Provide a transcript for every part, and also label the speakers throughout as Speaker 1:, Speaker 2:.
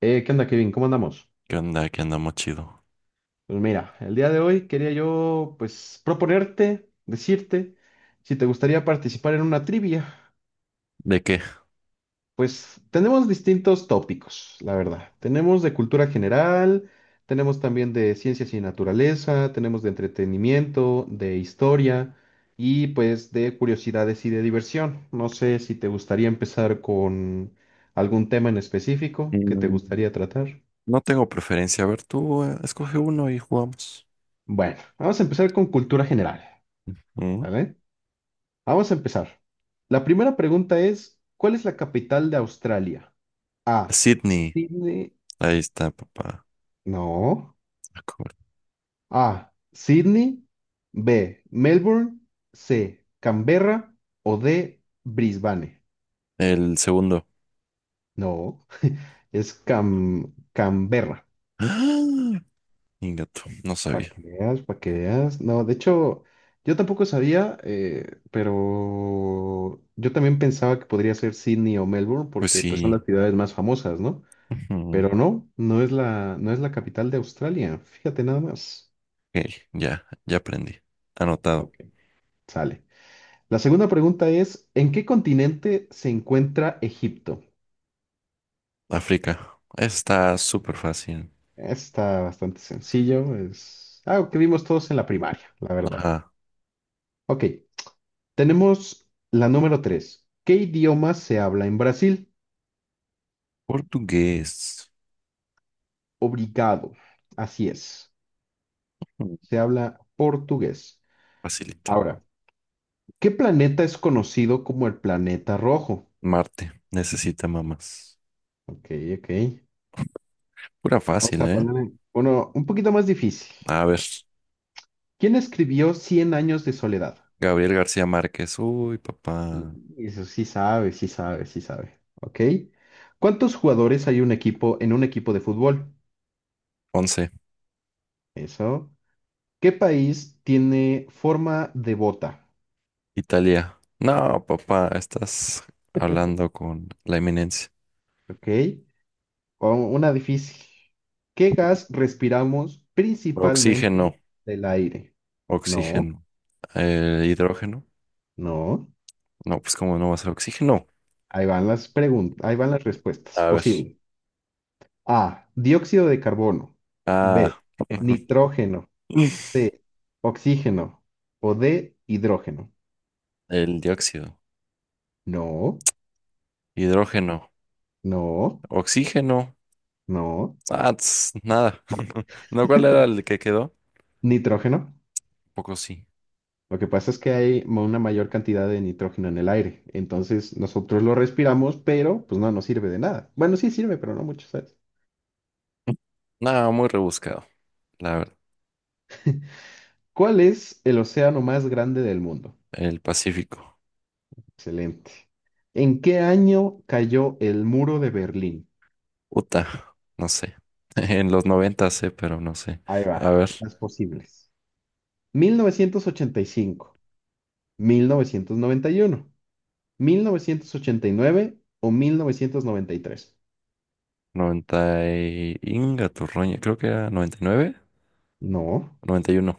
Speaker 1: ¿Qué onda, Kevin? ¿Cómo andamos?
Speaker 2: ¿Qué onda? ¿Qué andamos chido?
Speaker 1: Pues mira, el día de hoy quería yo, pues, proponerte, decirte, si te gustaría participar en una trivia.
Speaker 2: ¿De qué?
Speaker 1: Pues tenemos distintos tópicos, la verdad. Tenemos de cultura general, tenemos también de ciencias y naturaleza, tenemos de entretenimiento, de historia y pues de curiosidades y de diversión. No sé si te gustaría empezar con algún tema en específico que te
Speaker 2: Mm,
Speaker 1: gustaría tratar.
Speaker 2: no tengo preferencia. A ver, tú escoge uno y jugamos.
Speaker 1: Bueno, vamos a empezar con cultura general,
Speaker 2: Mm,
Speaker 1: ¿vale? Vamos a empezar. La primera pregunta es, ¿cuál es la capital de Australia? A.
Speaker 2: Sydney.
Speaker 1: Sydney.
Speaker 2: Ahí está, papá.
Speaker 1: No.
Speaker 2: Ah, cabrón.
Speaker 1: A. Sydney. B. Melbourne. C. Canberra. O D. Brisbane.
Speaker 2: El segundo.
Speaker 1: No. Es Canberra.
Speaker 2: ¡Ah! Ingato, no
Speaker 1: Para
Speaker 2: sabía.
Speaker 1: que veas, para que veas. No, de hecho, yo tampoco sabía, pero yo también pensaba que podría ser Sydney o Melbourne
Speaker 2: Pues
Speaker 1: porque pues son
Speaker 2: sí.
Speaker 1: las ciudades más famosas, ¿no? Pero
Speaker 2: Ujú.
Speaker 1: no, no es la capital de Australia. Fíjate nada más.
Speaker 2: Ok, ya, ya aprendí. Anotado.
Speaker 1: Ok, sale. La segunda pregunta es, ¿en qué continente se encuentra Egipto?
Speaker 2: África. Está súper fácil.
Speaker 1: Está bastante sencillo, es algo que vimos todos en la primaria, la verdad.
Speaker 2: Ajá.
Speaker 1: Ok, tenemos la número tres. ¿Qué idioma se habla en Brasil?
Speaker 2: Portugués.
Speaker 1: Obrigado. Así es,
Speaker 2: Mm,
Speaker 1: se habla portugués.
Speaker 2: Facilito.
Speaker 1: Ahora, ¿qué planeta es conocido como el planeta rojo?
Speaker 2: Marte. Necesita mamás.
Speaker 1: Ok, ok.
Speaker 2: Pura
Speaker 1: O
Speaker 2: fácil,
Speaker 1: sea,
Speaker 2: ¿eh?
Speaker 1: poner uno un poquito más difícil.
Speaker 2: A ver.
Speaker 1: ¿Quién escribió Cien años de soledad?
Speaker 2: Gabriel García Márquez. Uy, papá.
Speaker 1: Y eso sí sabe, sí sabe, sí sabe. ¿Ok? ¿Cuántos jugadores hay un equipo en un equipo de fútbol?
Speaker 2: Once.
Speaker 1: Eso. ¿Qué país tiene forma de bota?
Speaker 2: Italia. No, papá, estás hablando con la eminencia.
Speaker 1: ¿Ok? Una difícil. ¿Qué gas respiramos
Speaker 2: Oxígeno,
Speaker 1: principalmente del aire? No,
Speaker 2: oxígeno. Hidrógeno.
Speaker 1: no.
Speaker 2: No, pues cómo no va a ser oxígeno.
Speaker 1: Ahí van las preguntas, ahí van las respuestas
Speaker 2: A ver.
Speaker 1: posibles. A. Dióxido de carbono.
Speaker 2: Ah,
Speaker 1: B. Nitrógeno. C. Oxígeno. O D. Hidrógeno.
Speaker 2: el dióxido.
Speaker 1: No,
Speaker 2: Hidrógeno.
Speaker 1: no,
Speaker 2: Oxígeno.
Speaker 1: no.
Speaker 2: Ah, tss, nada. ¿No cuál era el que quedó?
Speaker 1: Nitrógeno.
Speaker 2: Poco sí.
Speaker 1: Lo que pasa es que hay una mayor cantidad de nitrógeno en el aire. Entonces nosotros lo respiramos, pero pues no nos sirve de nada. Bueno, sí sirve, pero no mucho, ¿sabes?
Speaker 2: Nada, muy rebuscado, la verdad.
Speaker 1: ¿Cuál es el océano más grande del mundo?
Speaker 2: El Pacífico.
Speaker 1: Excelente. ¿En qué año cayó el muro de Berlín?
Speaker 2: Uta, no sé. En los 90 sé, pero no sé.
Speaker 1: Ahí
Speaker 2: A
Speaker 1: va,
Speaker 2: ver,
Speaker 1: las posibles. Mil novecientos ochenta y cinco, 1991, 1989 o 1993.
Speaker 2: 90 y... Inga tu roña, creo que era noventa y nueve,
Speaker 1: No,
Speaker 2: noventa y uno,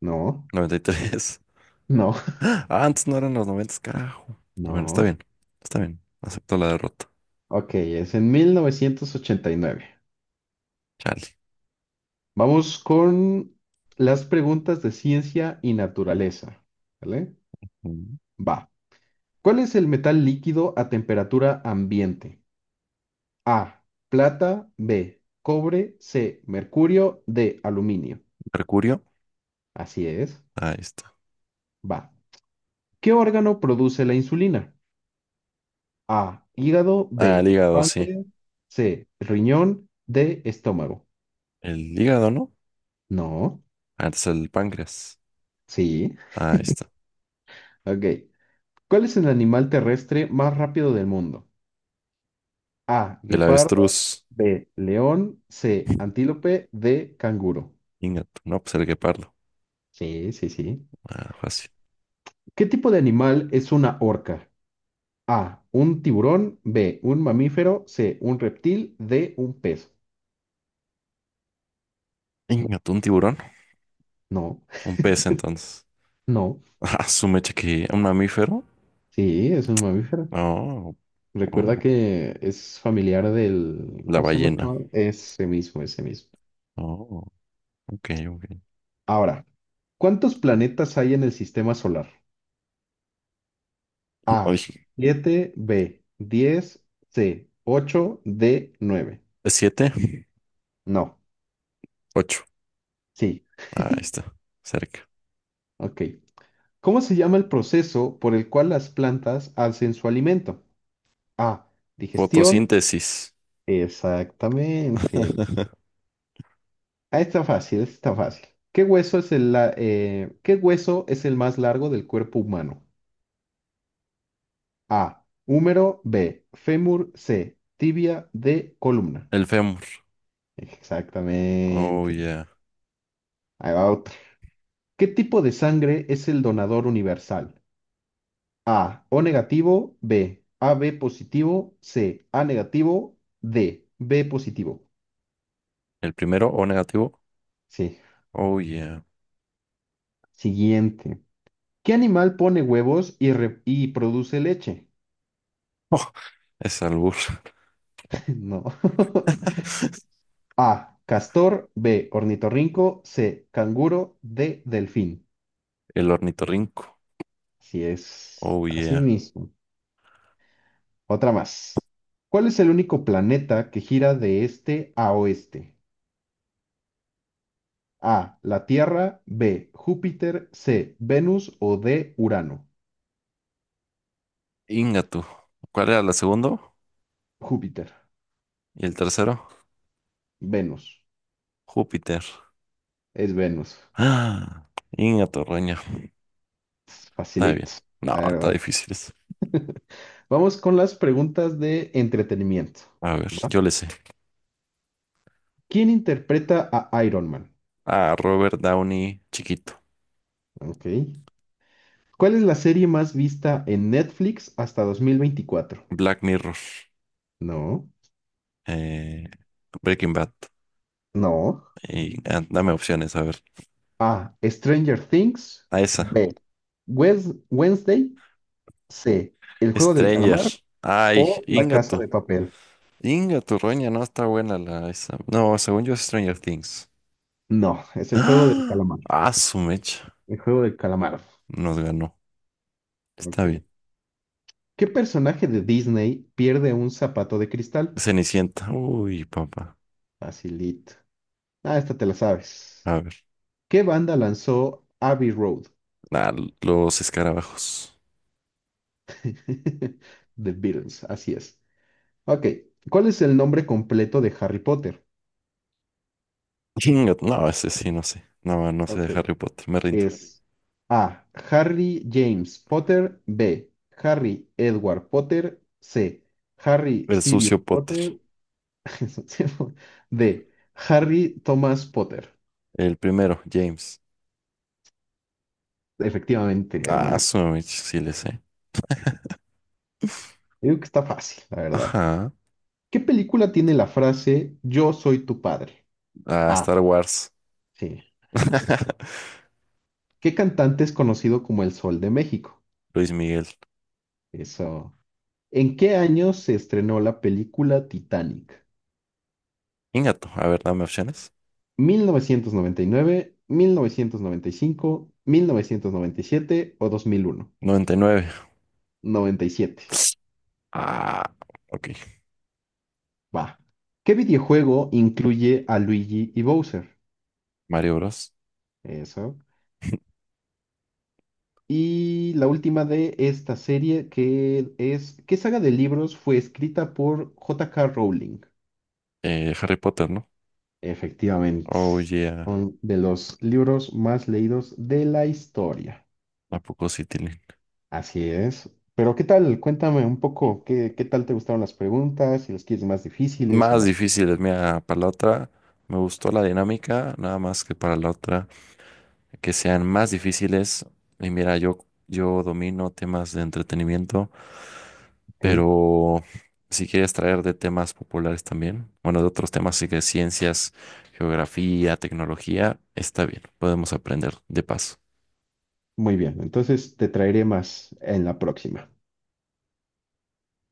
Speaker 1: no,
Speaker 2: noventa y nueve, 99, 91, 93.
Speaker 1: no,
Speaker 2: Ah, antes no eran los 90, carajo. Bueno, está
Speaker 1: no.
Speaker 2: bien, está bien. Acepto la derrota.
Speaker 1: Ok, es en 1989.
Speaker 2: Chale.
Speaker 1: Vamos con las preguntas de ciencia y naturaleza. ¿Vale?
Speaker 2: Mm.
Speaker 1: Va. ¿Cuál es el metal líquido a temperatura ambiente? A. Plata. B. Cobre. C. Mercurio. D. Aluminio.
Speaker 2: Mercurio,
Speaker 1: Así es.
Speaker 2: ahí está.
Speaker 1: Va. ¿Qué órgano produce la insulina? A, hígado,
Speaker 2: Ah, el
Speaker 1: B,
Speaker 2: hígado, sí.
Speaker 1: páncreas, C, riñón, D, estómago.
Speaker 2: El hígado, ¿no?
Speaker 1: No,
Speaker 2: Antes el páncreas.
Speaker 1: sí,
Speaker 2: Ahí está.
Speaker 1: ok. ¿Cuál es el animal terrestre más rápido del mundo? A,
Speaker 2: El
Speaker 1: guepardo,
Speaker 2: avestruz.
Speaker 1: B, león, C, antílope, D, canguro.
Speaker 2: No, pues el guepardo.
Speaker 1: Sí, sí, sí.
Speaker 2: Ah, fácil.
Speaker 1: ¿Qué tipo de animal es una orca? A, un tiburón, B, un mamífero, C, un reptil, D, un pez.
Speaker 2: Inga tu, un tiburón.
Speaker 1: No,
Speaker 2: Un pez, entonces.
Speaker 1: no,
Speaker 2: Ah, su mecha que un mamífero.
Speaker 1: sí, es un mamífero.
Speaker 2: Oh, oh,
Speaker 1: Recuerda que es familiar del...
Speaker 2: la
Speaker 1: ¿Cómo se llama? Este
Speaker 2: ballena.
Speaker 1: mago. Ese mismo, ese mismo.
Speaker 2: Oh, ok, ok.
Speaker 1: Ahora, ¿cuántos planetas hay en el sistema solar? A,
Speaker 2: Oye,
Speaker 1: 7, B, 10, C, 8, D, 9.
Speaker 2: siete,
Speaker 1: No,
Speaker 2: ocho.
Speaker 1: sí.
Speaker 2: Ah, ahí está, cerca.
Speaker 1: Ok. ¿Cómo se llama el proceso por el cual las plantas hacen su alimento? A, digestión.
Speaker 2: Fotosíntesis.
Speaker 1: Exactamente. Ah, está fácil, está fácil. ¿Qué hueso es el más largo del cuerpo humano? A. Húmero. B. Fémur. C. Tibia. D. Columna.
Speaker 2: El fémur. Oh,
Speaker 1: Exactamente.
Speaker 2: yeah.
Speaker 1: Ahí va otra. ¿Qué tipo de sangre es el donador universal? A. O negativo. B. AB positivo. C. A negativo. D. B positivo.
Speaker 2: El primero, O negativo.
Speaker 1: Sí.
Speaker 2: Oh, yeah.
Speaker 1: Siguiente. ¿Qué animal pone huevos y, y produce leche?
Speaker 2: Oh, es albur.
Speaker 1: No. A. Castor. B. Ornitorrinco. C. Canguro. D. Delfín.
Speaker 2: El ornitorrinco.
Speaker 1: Así es,
Speaker 2: Oh,
Speaker 1: así
Speaker 2: yeah.
Speaker 1: mismo. Otra más. ¿Cuál es el único planeta que gira de este a oeste? A, la Tierra, B, Júpiter, C, Venus o D, Urano.
Speaker 2: Ingatu. ¿Cuál era el segundo?
Speaker 1: Júpiter,
Speaker 2: Y el tercero,
Speaker 1: Venus,
Speaker 2: Júpiter.
Speaker 1: es Venus.
Speaker 2: Ah, Ingatorraña. Está bien.
Speaker 1: Facilito,
Speaker 2: No,
Speaker 1: la
Speaker 2: está
Speaker 1: verdad.
Speaker 2: difícil.
Speaker 1: Vamos con las preguntas de entretenimiento.
Speaker 2: A ver,
Speaker 1: ¿Va?
Speaker 2: yo le sé.
Speaker 1: ¿Quién interpreta a Iron Man?
Speaker 2: Ah, Robert Downey, chiquito.
Speaker 1: Ok. ¿Cuál es la serie más vista en Netflix hasta 2024?
Speaker 2: Black Mirror,
Speaker 1: No,
Speaker 2: eh, Breaking Bad.
Speaker 1: no.
Speaker 2: Y, dame opciones, a ver.
Speaker 1: A. Stranger Things.
Speaker 2: A esa.
Speaker 1: B. Wednesday. C. El juego del
Speaker 2: Stranger.
Speaker 1: calamar
Speaker 2: Ay,
Speaker 1: o La casa
Speaker 2: Ingato.
Speaker 1: de papel.
Speaker 2: Ingato, Roña, no está buena la esa. No, según yo es Stranger Things.
Speaker 1: No, es el juego del
Speaker 2: ¡Ah!
Speaker 1: calamar.
Speaker 2: Ah, su mecha.
Speaker 1: El juego del calamar.
Speaker 2: Nos ganó. Está
Speaker 1: Ok.
Speaker 2: bien.
Speaker 1: ¿Qué personaje de Disney pierde un zapato de cristal?
Speaker 2: Cenicienta. Uy, papá.
Speaker 1: Facilito. Ah, esta te la sabes.
Speaker 2: A ver.
Speaker 1: ¿Qué banda lanzó Abbey Road?
Speaker 2: Ah, los escarabajos.
Speaker 1: The Beatles, así es. Ok. ¿Cuál es el nombre completo de Harry Potter?
Speaker 2: Ingato. No, ese sí, no sé. No, no sé de
Speaker 1: Ok,
Speaker 2: Harry Potter. Me rindo.
Speaker 1: es A. Harry James Potter. B. Harry Edward Potter. C. Harry
Speaker 2: El
Speaker 1: Sirius
Speaker 2: sucio
Speaker 1: Potter.
Speaker 2: Potter.
Speaker 1: D. Harry Thomas Potter.
Speaker 2: El primero, James.
Speaker 1: Efectivamente,
Speaker 2: Ah,
Speaker 1: hermano.
Speaker 2: su mecha, sí le sé.
Speaker 1: Yo digo que está fácil, la verdad.
Speaker 2: Ajá.
Speaker 1: ¿Qué película tiene la frase Yo soy tu padre?
Speaker 2: Ah,
Speaker 1: A.
Speaker 2: Star Wars.
Speaker 1: Sí. ¿Qué cantante es conocido como El Sol de México?
Speaker 2: Luis Miguel.
Speaker 1: Eso. ¿En qué año se estrenó la película Titanic?
Speaker 2: Ingato. A ver, dame opciones.
Speaker 1: mil mil mil novecientos noventa y nueve cinco, 1997 o 2001.
Speaker 2: 99.
Speaker 1: 97.
Speaker 2: Ah, ok.
Speaker 1: Va. ¿Qué videojuego incluye a Luigi y Bowser?
Speaker 2: Mario Bros.
Speaker 1: Eso. Y la última de esta serie que es, ¿qué saga de libros fue escrita por J.K. Rowling?
Speaker 2: Harry Potter, ¿no?
Speaker 1: Efectivamente.
Speaker 2: Oh, yeah.
Speaker 1: Son de los libros más leídos de la historia.
Speaker 2: ¿A poco sí tienen?
Speaker 1: Así es. Pero ¿qué tal? Cuéntame un poco, ¿qué tal te gustaron las preguntas? Si las quieres más difíciles o
Speaker 2: Más
Speaker 1: más
Speaker 2: difíciles,
Speaker 1: fáciles.
Speaker 2: mira, para la otra me gustó la dinámica, nada más que para la otra que sean más difíciles. Y mira, yo domino temas de entretenimiento.
Speaker 1: Ok,
Speaker 2: Pero si quieres traer de temas populares también, bueno, de otros temas, así que ciencias, geografía, tecnología, está bien, podemos aprender de paso.
Speaker 1: muy bien. Entonces te traeré más en la próxima.